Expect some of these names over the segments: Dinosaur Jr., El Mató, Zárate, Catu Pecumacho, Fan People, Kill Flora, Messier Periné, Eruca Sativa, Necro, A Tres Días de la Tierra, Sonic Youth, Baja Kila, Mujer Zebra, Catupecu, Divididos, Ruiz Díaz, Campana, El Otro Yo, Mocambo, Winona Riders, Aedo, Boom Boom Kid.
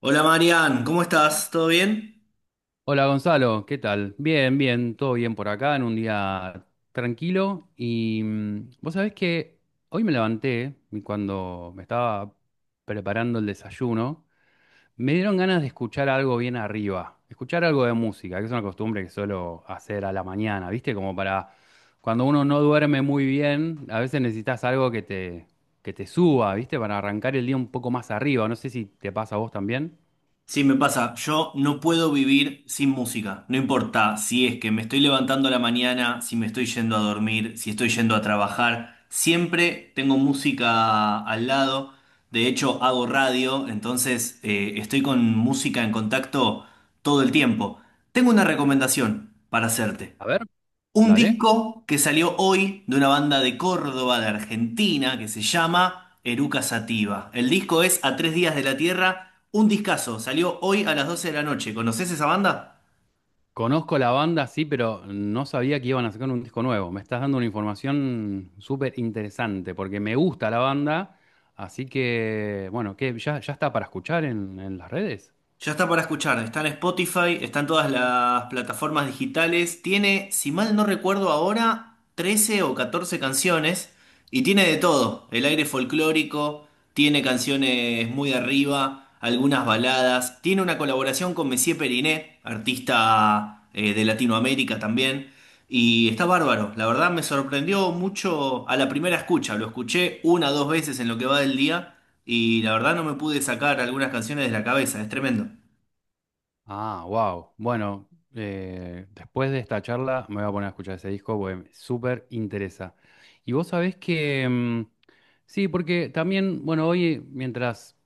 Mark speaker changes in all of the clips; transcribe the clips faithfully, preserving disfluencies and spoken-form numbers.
Speaker 1: Hola Marian, ¿cómo estás? ¿Todo bien?
Speaker 2: Hola Gonzalo, ¿qué tal? Bien, bien, todo bien por acá, en un día tranquilo. Y mm, vos sabés que hoy me levanté y cuando me estaba preparando el desayuno, me dieron ganas de escuchar algo bien arriba, escuchar algo de música, que es una costumbre que suelo hacer a la mañana, ¿viste? Como para cuando uno no duerme muy bien, a veces necesitas algo que te, que te suba, ¿viste? Para arrancar el día un poco más arriba. No sé si te pasa a vos también.
Speaker 1: Sí, me pasa. Yo no puedo vivir sin música. No importa si es que me estoy levantando a la mañana, si me estoy yendo a dormir, si estoy yendo a trabajar. Siempre tengo música al lado. De hecho, hago radio, entonces eh, estoy con música en contacto todo el tiempo. Tengo una recomendación para hacerte.
Speaker 2: A ver,
Speaker 1: Un
Speaker 2: dale.
Speaker 1: disco que salió hoy de una banda de Córdoba, de Argentina, que se llama Eruca Sativa. El disco es A Tres Días de la Tierra, un discazo. Salió hoy a las doce de la noche. ¿Conoces esa banda?
Speaker 2: Conozco la banda, sí, pero no sabía que iban a sacar un disco nuevo. Me estás dando una información súper interesante, porque me gusta la banda, así que, bueno, ¿qué? ¿Ya, ya está para escuchar en, en las redes?
Speaker 1: Ya está para escuchar, está en Spotify, está en todas las plataformas digitales, tiene, si mal no recuerdo ahora, trece o catorce canciones y tiene de todo, el aire folclórico, tiene canciones muy arriba, algunas baladas, tiene una colaboración con Messier Periné, artista eh, de Latinoamérica también, y está bárbaro, la verdad me sorprendió mucho a la primera escucha, lo escuché una o dos veces en lo que va del día. Y la verdad no me pude sacar algunas canciones de la cabeza, es tremendo.
Speaker 2: Ah, wow. Bueno, eh, después de esta charla me voy a poner a escuchar ese disco, porque me súper interesa. Y vos sabés que, mm, sí, porque también, bueno, hoy mientras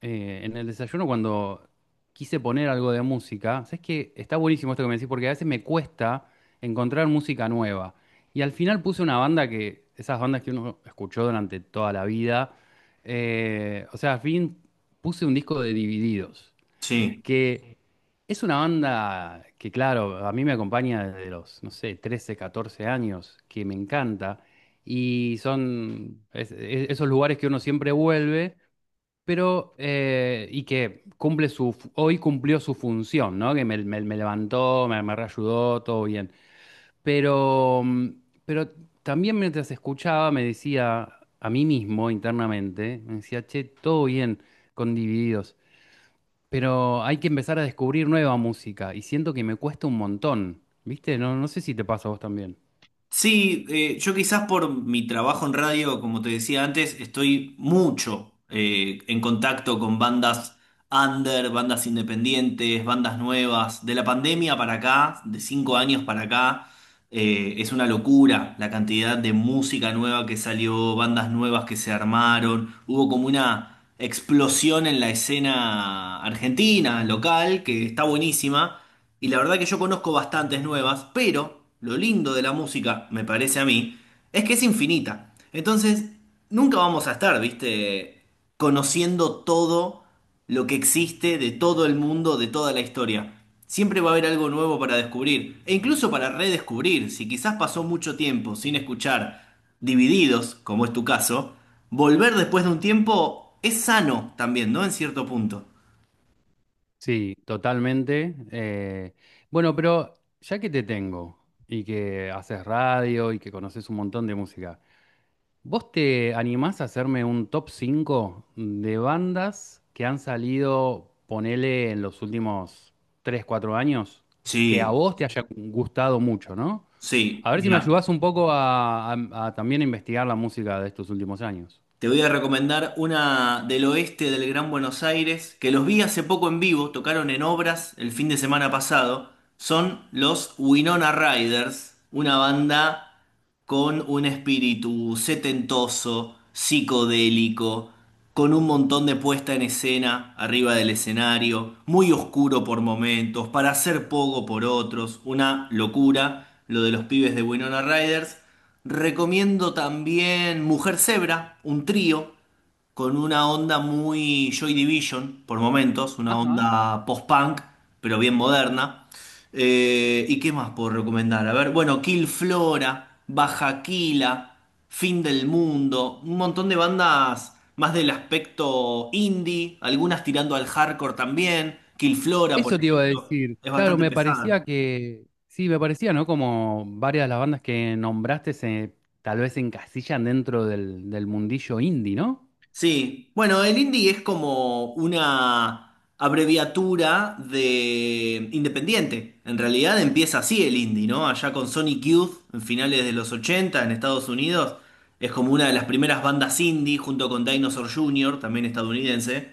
Speaker 2: eh, en el desayuno cuando quise poner algo de música, sabes que está buenísimo esto que me decís porque a veces me cuesta encontrar música nueva. Y al final puse una banda que, esas bandas que uno escuchó durante toda la vida, eh, o sea, al fin puse un disco de Divididos,
Speaker 1: Sí.
Speaker 2: que es una banda que, claro, a mí me acompaña desde los, no sé, trece catorce años, que me encanta. Y son es- es- esos lugares que uno siempre vuelve pero eh, y que cumple su, fu- hoy cumplió su función, ¿no? Que me, me- me levantó, me, me reayudó, todo bien. Pero, mm, pero también mientras escuchaba me decía a mí mismo internamente, me decía, che, todo bien con Divididos, pero hay que empezar a descubrir nueva música y siento que me cuesta un montón, ¿viste? No, no sé si te pasa a vos también.
Speaker 1: Sí, eh, yo quizás por mi trabajo en radio, como te decía antes, estoy mucho eh, en contacto con bandas under, bandas independientes, bandas nuevas. De la pandemia para acá, de cinco años para acá, eh, es una locura la cantidad de música nueva que salió, bandas nuevas que se armaron. Hubo como una explosión en la escena argentina, local, que está buenísima. Y la verdad que yo conozco bastantes nuevas, pero lo lindo de la música, me parece a mí, es que es infinita. Entonces, nunca vamos a estar, viste, conociendo todo lo que existe de todo el mundo, de toda la historia. Siempre va a haber algo nuevo para descubrir, e incluso para redescubrir, si quizás pasó mucho tiempo sin escuchar Divididos, como es tu caso, volver después de un tiempo es sano también, ¿no? En cierto punto.
Speaker 2: Sí, totalmente. Eh, bueno, pero ya que te tengo y que haces radio y que conoces un montón de música, ¿vos te animás a hacerme un top cinco de bandas que han salido, ponele, en los últimos tres cuatro años, que a
Speaker 1: Sí,
Speaker 2: vos te haya gustado mucho, ¿no?
Speaker 1: sí,
Speaker 2: A ver si me
Speaker 1: mira.
Speaker 2: ayudás un poco a, a- a también investigar la música de estos últimos años.
Speaker 1: Te voy a recomendar una del oeste del Gran Buenos Aires, que los vi hace poco en vivo, tocaron en obras el fin de semana pasado. Son los Winona Riders, una banda con un espíritu setentoso, psicodélico, con un montón de puesta en escena arriba del escenario, muy oscuro por momentos, para hacer poco por otros, una locura lo de los pibes de Winona Riders. Recomiendo también Mujer Zebra, un trío con una onda muy Joy Division por momentos, una onda post-punk, pero bien moderna. Eh, ¿y qué más puedo recomendar? A ver, bueno, Kill Flora, Baja Kila, Fin del Mundo, un montón de bandas más del aspecto indie, algunas tirando al hardcore también. Kill Flora,
Speaker 2: Eso
Speaker 1: por
Speaker 2: te iba a
Speaker 1: ejemplo,
Speaker 2: decir.
Speaker 1: es
Speaker 2: Claro,
Speaker 1: bastante
Speaker 2: me
Speaker 1: pesada.
Speaker 2: parecía que, sí, me parecía, ¿no? Como varias de las bandas que nombraste se tal vez se encasillan dentro del, del mundillo indie, ¿no?
Speaker 1: Sí, bueno, el indie es como una abreviatura de independiente. En realidad empieza así el indie, ¿no? Allá con Sonic Youth, en finales de los ochenta en Estados Unidos, es como una de las primeras bandas indie junto con Dinosaur junior, también estadounidense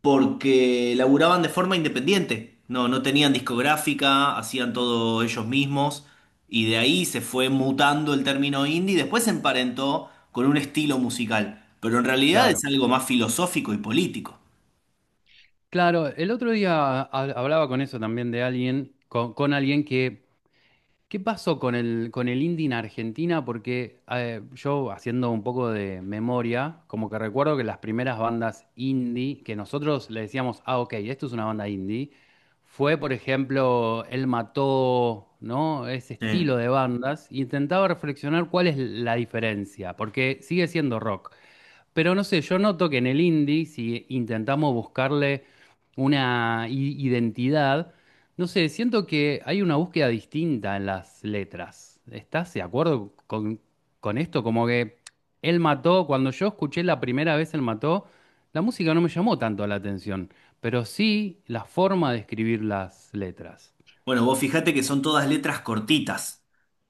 Speaker 1: porque laburaban de forma independiente. No, no tenían discográfica, hacían todo ellos mismos y de ahí se fue mutando el término indie y después se emparentó con un estilo musical, pero en realidad es
Speaker 2: Claro.
Speaker 1: algo más filosófico y político.
Speaker 2: Claro, el otro día ha- hablaba con eso también de alguien, con, con alguien que. ¿Qué pasó con el, con el indie en Argentina? Porque eh, yo haciendo un poco de memoria, como que recuerdo que las primeras bandas indie, que nosotros le decíamos, ah, ok, esto es una banda indie, fue, por ejemplo, El Mató, ¿no? Ese estilo
Speaker 1: Sí.
Speaker 2: de bandas. Intentaba reflexionar cuál es la diferencia, porque sigue siendo rock. Pero no sé, yo noto que en el indie, si intentamos buscarle una i- identidad, no sé, siento que hay una búsqueda distinta en las letras. ¿Estás de acuerdo con, con esto? Como que él mató, cuando yo escuché la primera vez él mató, la música no me llamó tanto la atención, pero sí la forma de escribir las letras.
Speaker 1: Bueno, vos fijate que son todas letras cortitas,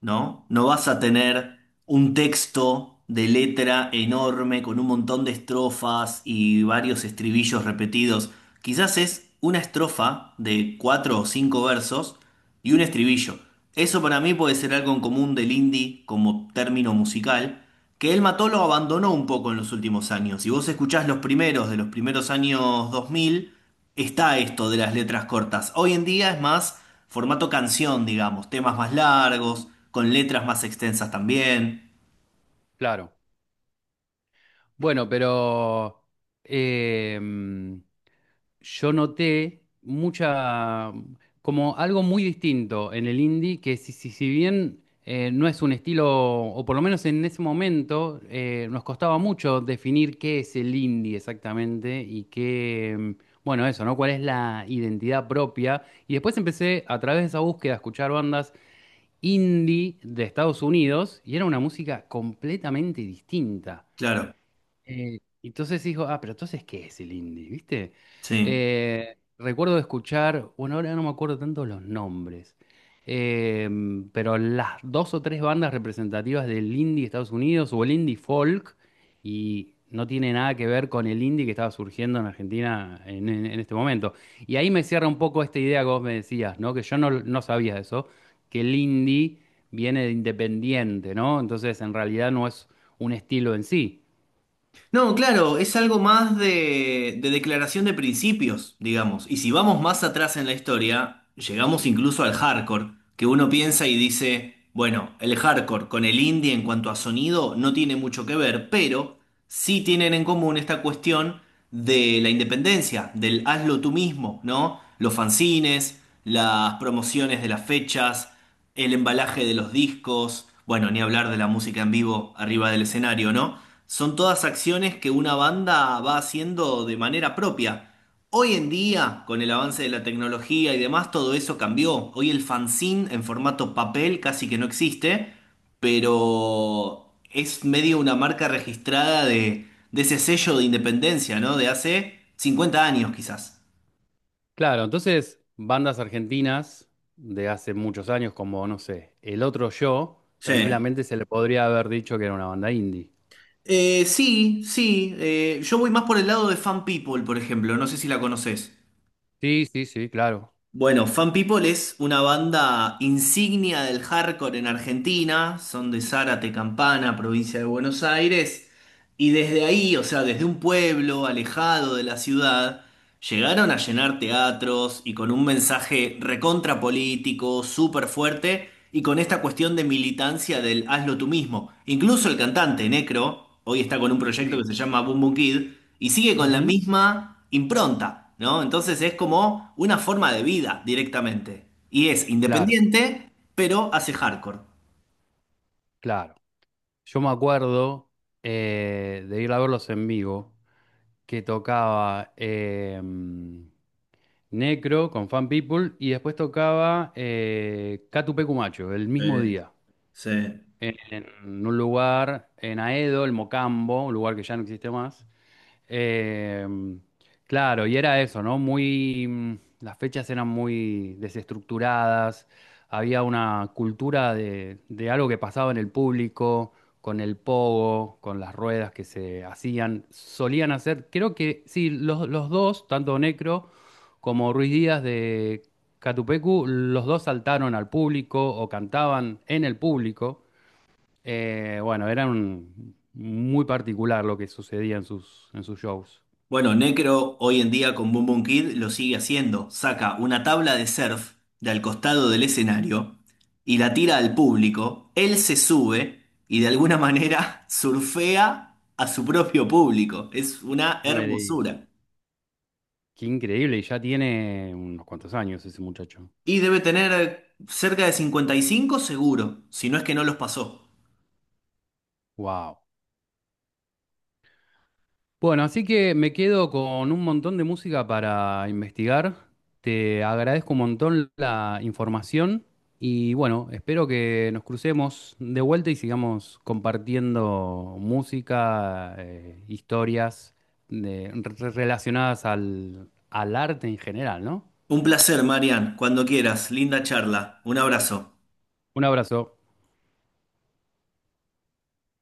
Speaker 1: ¿no? No vas a tener un texto de letra enorme con un montón de estrofas y varios estribillos repetidos. Quizás es una estrofa de cuatro o cinco versos y un estribillo. Eso para mí puede ser algo en común del indie como término musical, que El Mató lo abandonó un poco en los últimos años. Si vos escuchás los primeros de los primeros años dos mil está esto de las letras cortas. Hoy en día es más formato canción, digamos, temas más largos, con letras más extensas también.
Speaker 2: Claro. Bueno, pero... em, yo noté mucha, como algo muy distinto en el indie, que si, si, si bien eh, no es un estilo, o por lo menos en ese momento, eh, nos costaba mucho definir qué es el indie exactamente y qué, mm, bueno, eso, ¿no? ¿Cuál es la identidad propia? Y después empecé a través de esa búsqueda a escuchar bandas indie de Estados Unidos y era una música completamente distinta.
Speaker 1: Claro,
Speaker 2: Eh, entonces dijo, ah, pero entonces, ¿qué es el indie? ¿Viste?
Speaker 1: sí.
Speaker 2: Eh, recuerdo escuchar, bueno, ahora no me acuerdo tanto los nombres, eh, pero las dos o tres bandas representativas del indie de Estados Unidos o el indie folk, y no tiene nada que ver con el indie que estaba surgiendo en Argentina en, en- en este momento. Y ahí me cierra un poco esta idea que vos me decías, ¿no? Que yo no, no sabía eso, que el indie viene de independiente, ¿no? Entonces, en realidad no es un estilo en sí.
Speaker 1: No, claro, es algo más de, de declaración de principios, digamos. Y si vamos más atrás en la historia, llegamos incluso al hardcore, que uno piensa y dice, bueno, el hardcore con el indie en cuanto a sonido no tiene mucho que ver, pero sí tienen en común esta cuestión de la independencia, del hazlo tú mismo, ¿no? Los fanzines, las promociones de las fechas, el embalaje de los discos, bueno, ni hablar de la música en vivo arriba del escenario, ¿no? Son todas acciones que una banda va haciendo de manera propia. Hoy en día, con el avance de la tecnología y demás, todo eso cambió. Hoy el fanzine en formato papel casi que no existe, pero es medio una marca registrada de, de ese sello de independencia, ¿no? De hace cincuenta años quizás.
Speaker 2: Claro, entonces bandas argentinas de hace muchos años, como no sé, El Otro Yo,
Speaker 1: Sí,
Speaker 2: tranquilamente se le podría haber dicho que era una banda indie.
Speaker 1: Eh, sí, sí. eh, yo voy más por el lado de Fan People, por ejemplo. No sé si la conoces.
Speaker 2: Sí, sí, sí, claro.
Speaker 1: Bueno, Fan People es una banda insignia del hardcore en Argentina. Son de Zárate, Campana, provincia de Buenos Aires. Y desde ahí, o sea, desde un pueblo alejado de la ciudad, llegaron a llenar teatros y con un mensaje recontra político, súper fuerte, y con esta cuestión de militancia del hazlo tú mismo. Incluso el cantante Necro, hoy está con un proyecto
Speaker 2: Sí.
Speaker 1: que se llama Boom Boom Kid, y sigue con la
Speaker 2: Ujú.
Speaker 1: misma impronta, ¿no? Entonces es como una forma de vida directamente. Y es
Speaker 2: Claro,
Speaker 1: independiente, pero hace hardcore.
Speaker 2: claro. Yo me acuerdo eh, de ir a verlos en vivo, que tocaba eh, Necro con Fan People y después tocaba eh, Catu Pecumacho el mismo
Speaker 1: Sí,
Speaker 2: día,
Speaker 1: sí.
Speaker 2: en, en un lugar en Aedo, el Mocambo, un lugar que ya no existe más. Eh, claro, y era eso, ¿no? Muy, mm, las fechas eran muy desestructuradas, había una cultura de, de algo que pasaba en el público, con el pogo, con las ruedas que se hacían, solían hacer, creo que sí, los, los dos, tanto Necro como Ruiz Díaz de Catupecu, los dos saltaron al público o cantaban en el público. Eh, bueno, era un- muy particular lo que sucedía en sus, en sus shows.
Speaker 1: Bueno, Necro hoy en día con Boom Boom Kid lo sigue haciendo. Saca una tabla de surf de al costado del escenario y la tira al público. Él se sube y de alguna manera surfea a su propio público. Es una
Speaker 2: No me digas.
Speaker 1: hermosura.
Speaker 2: Qué increíble, y ya tiene unos cuantos años ese muchacho.
Speaker 1: Y debe tener cerca de cincuenta y cinco seguro, si no es que no los pasó.
Speaker 2: Wow. Bueno, así que me quedo con un montón de música para investigar. Te agradezco un montón la información y bueno, espero que nos crucemos de vuelta y sigamos compartiendo música, eh, historias de- re- relacionadas al, al arte en general, ¿no?
Speaker 1: Un placer, Marian. Cuando quieras. Linda charla. Un abrazo.
Speaker 2: Un abrazo.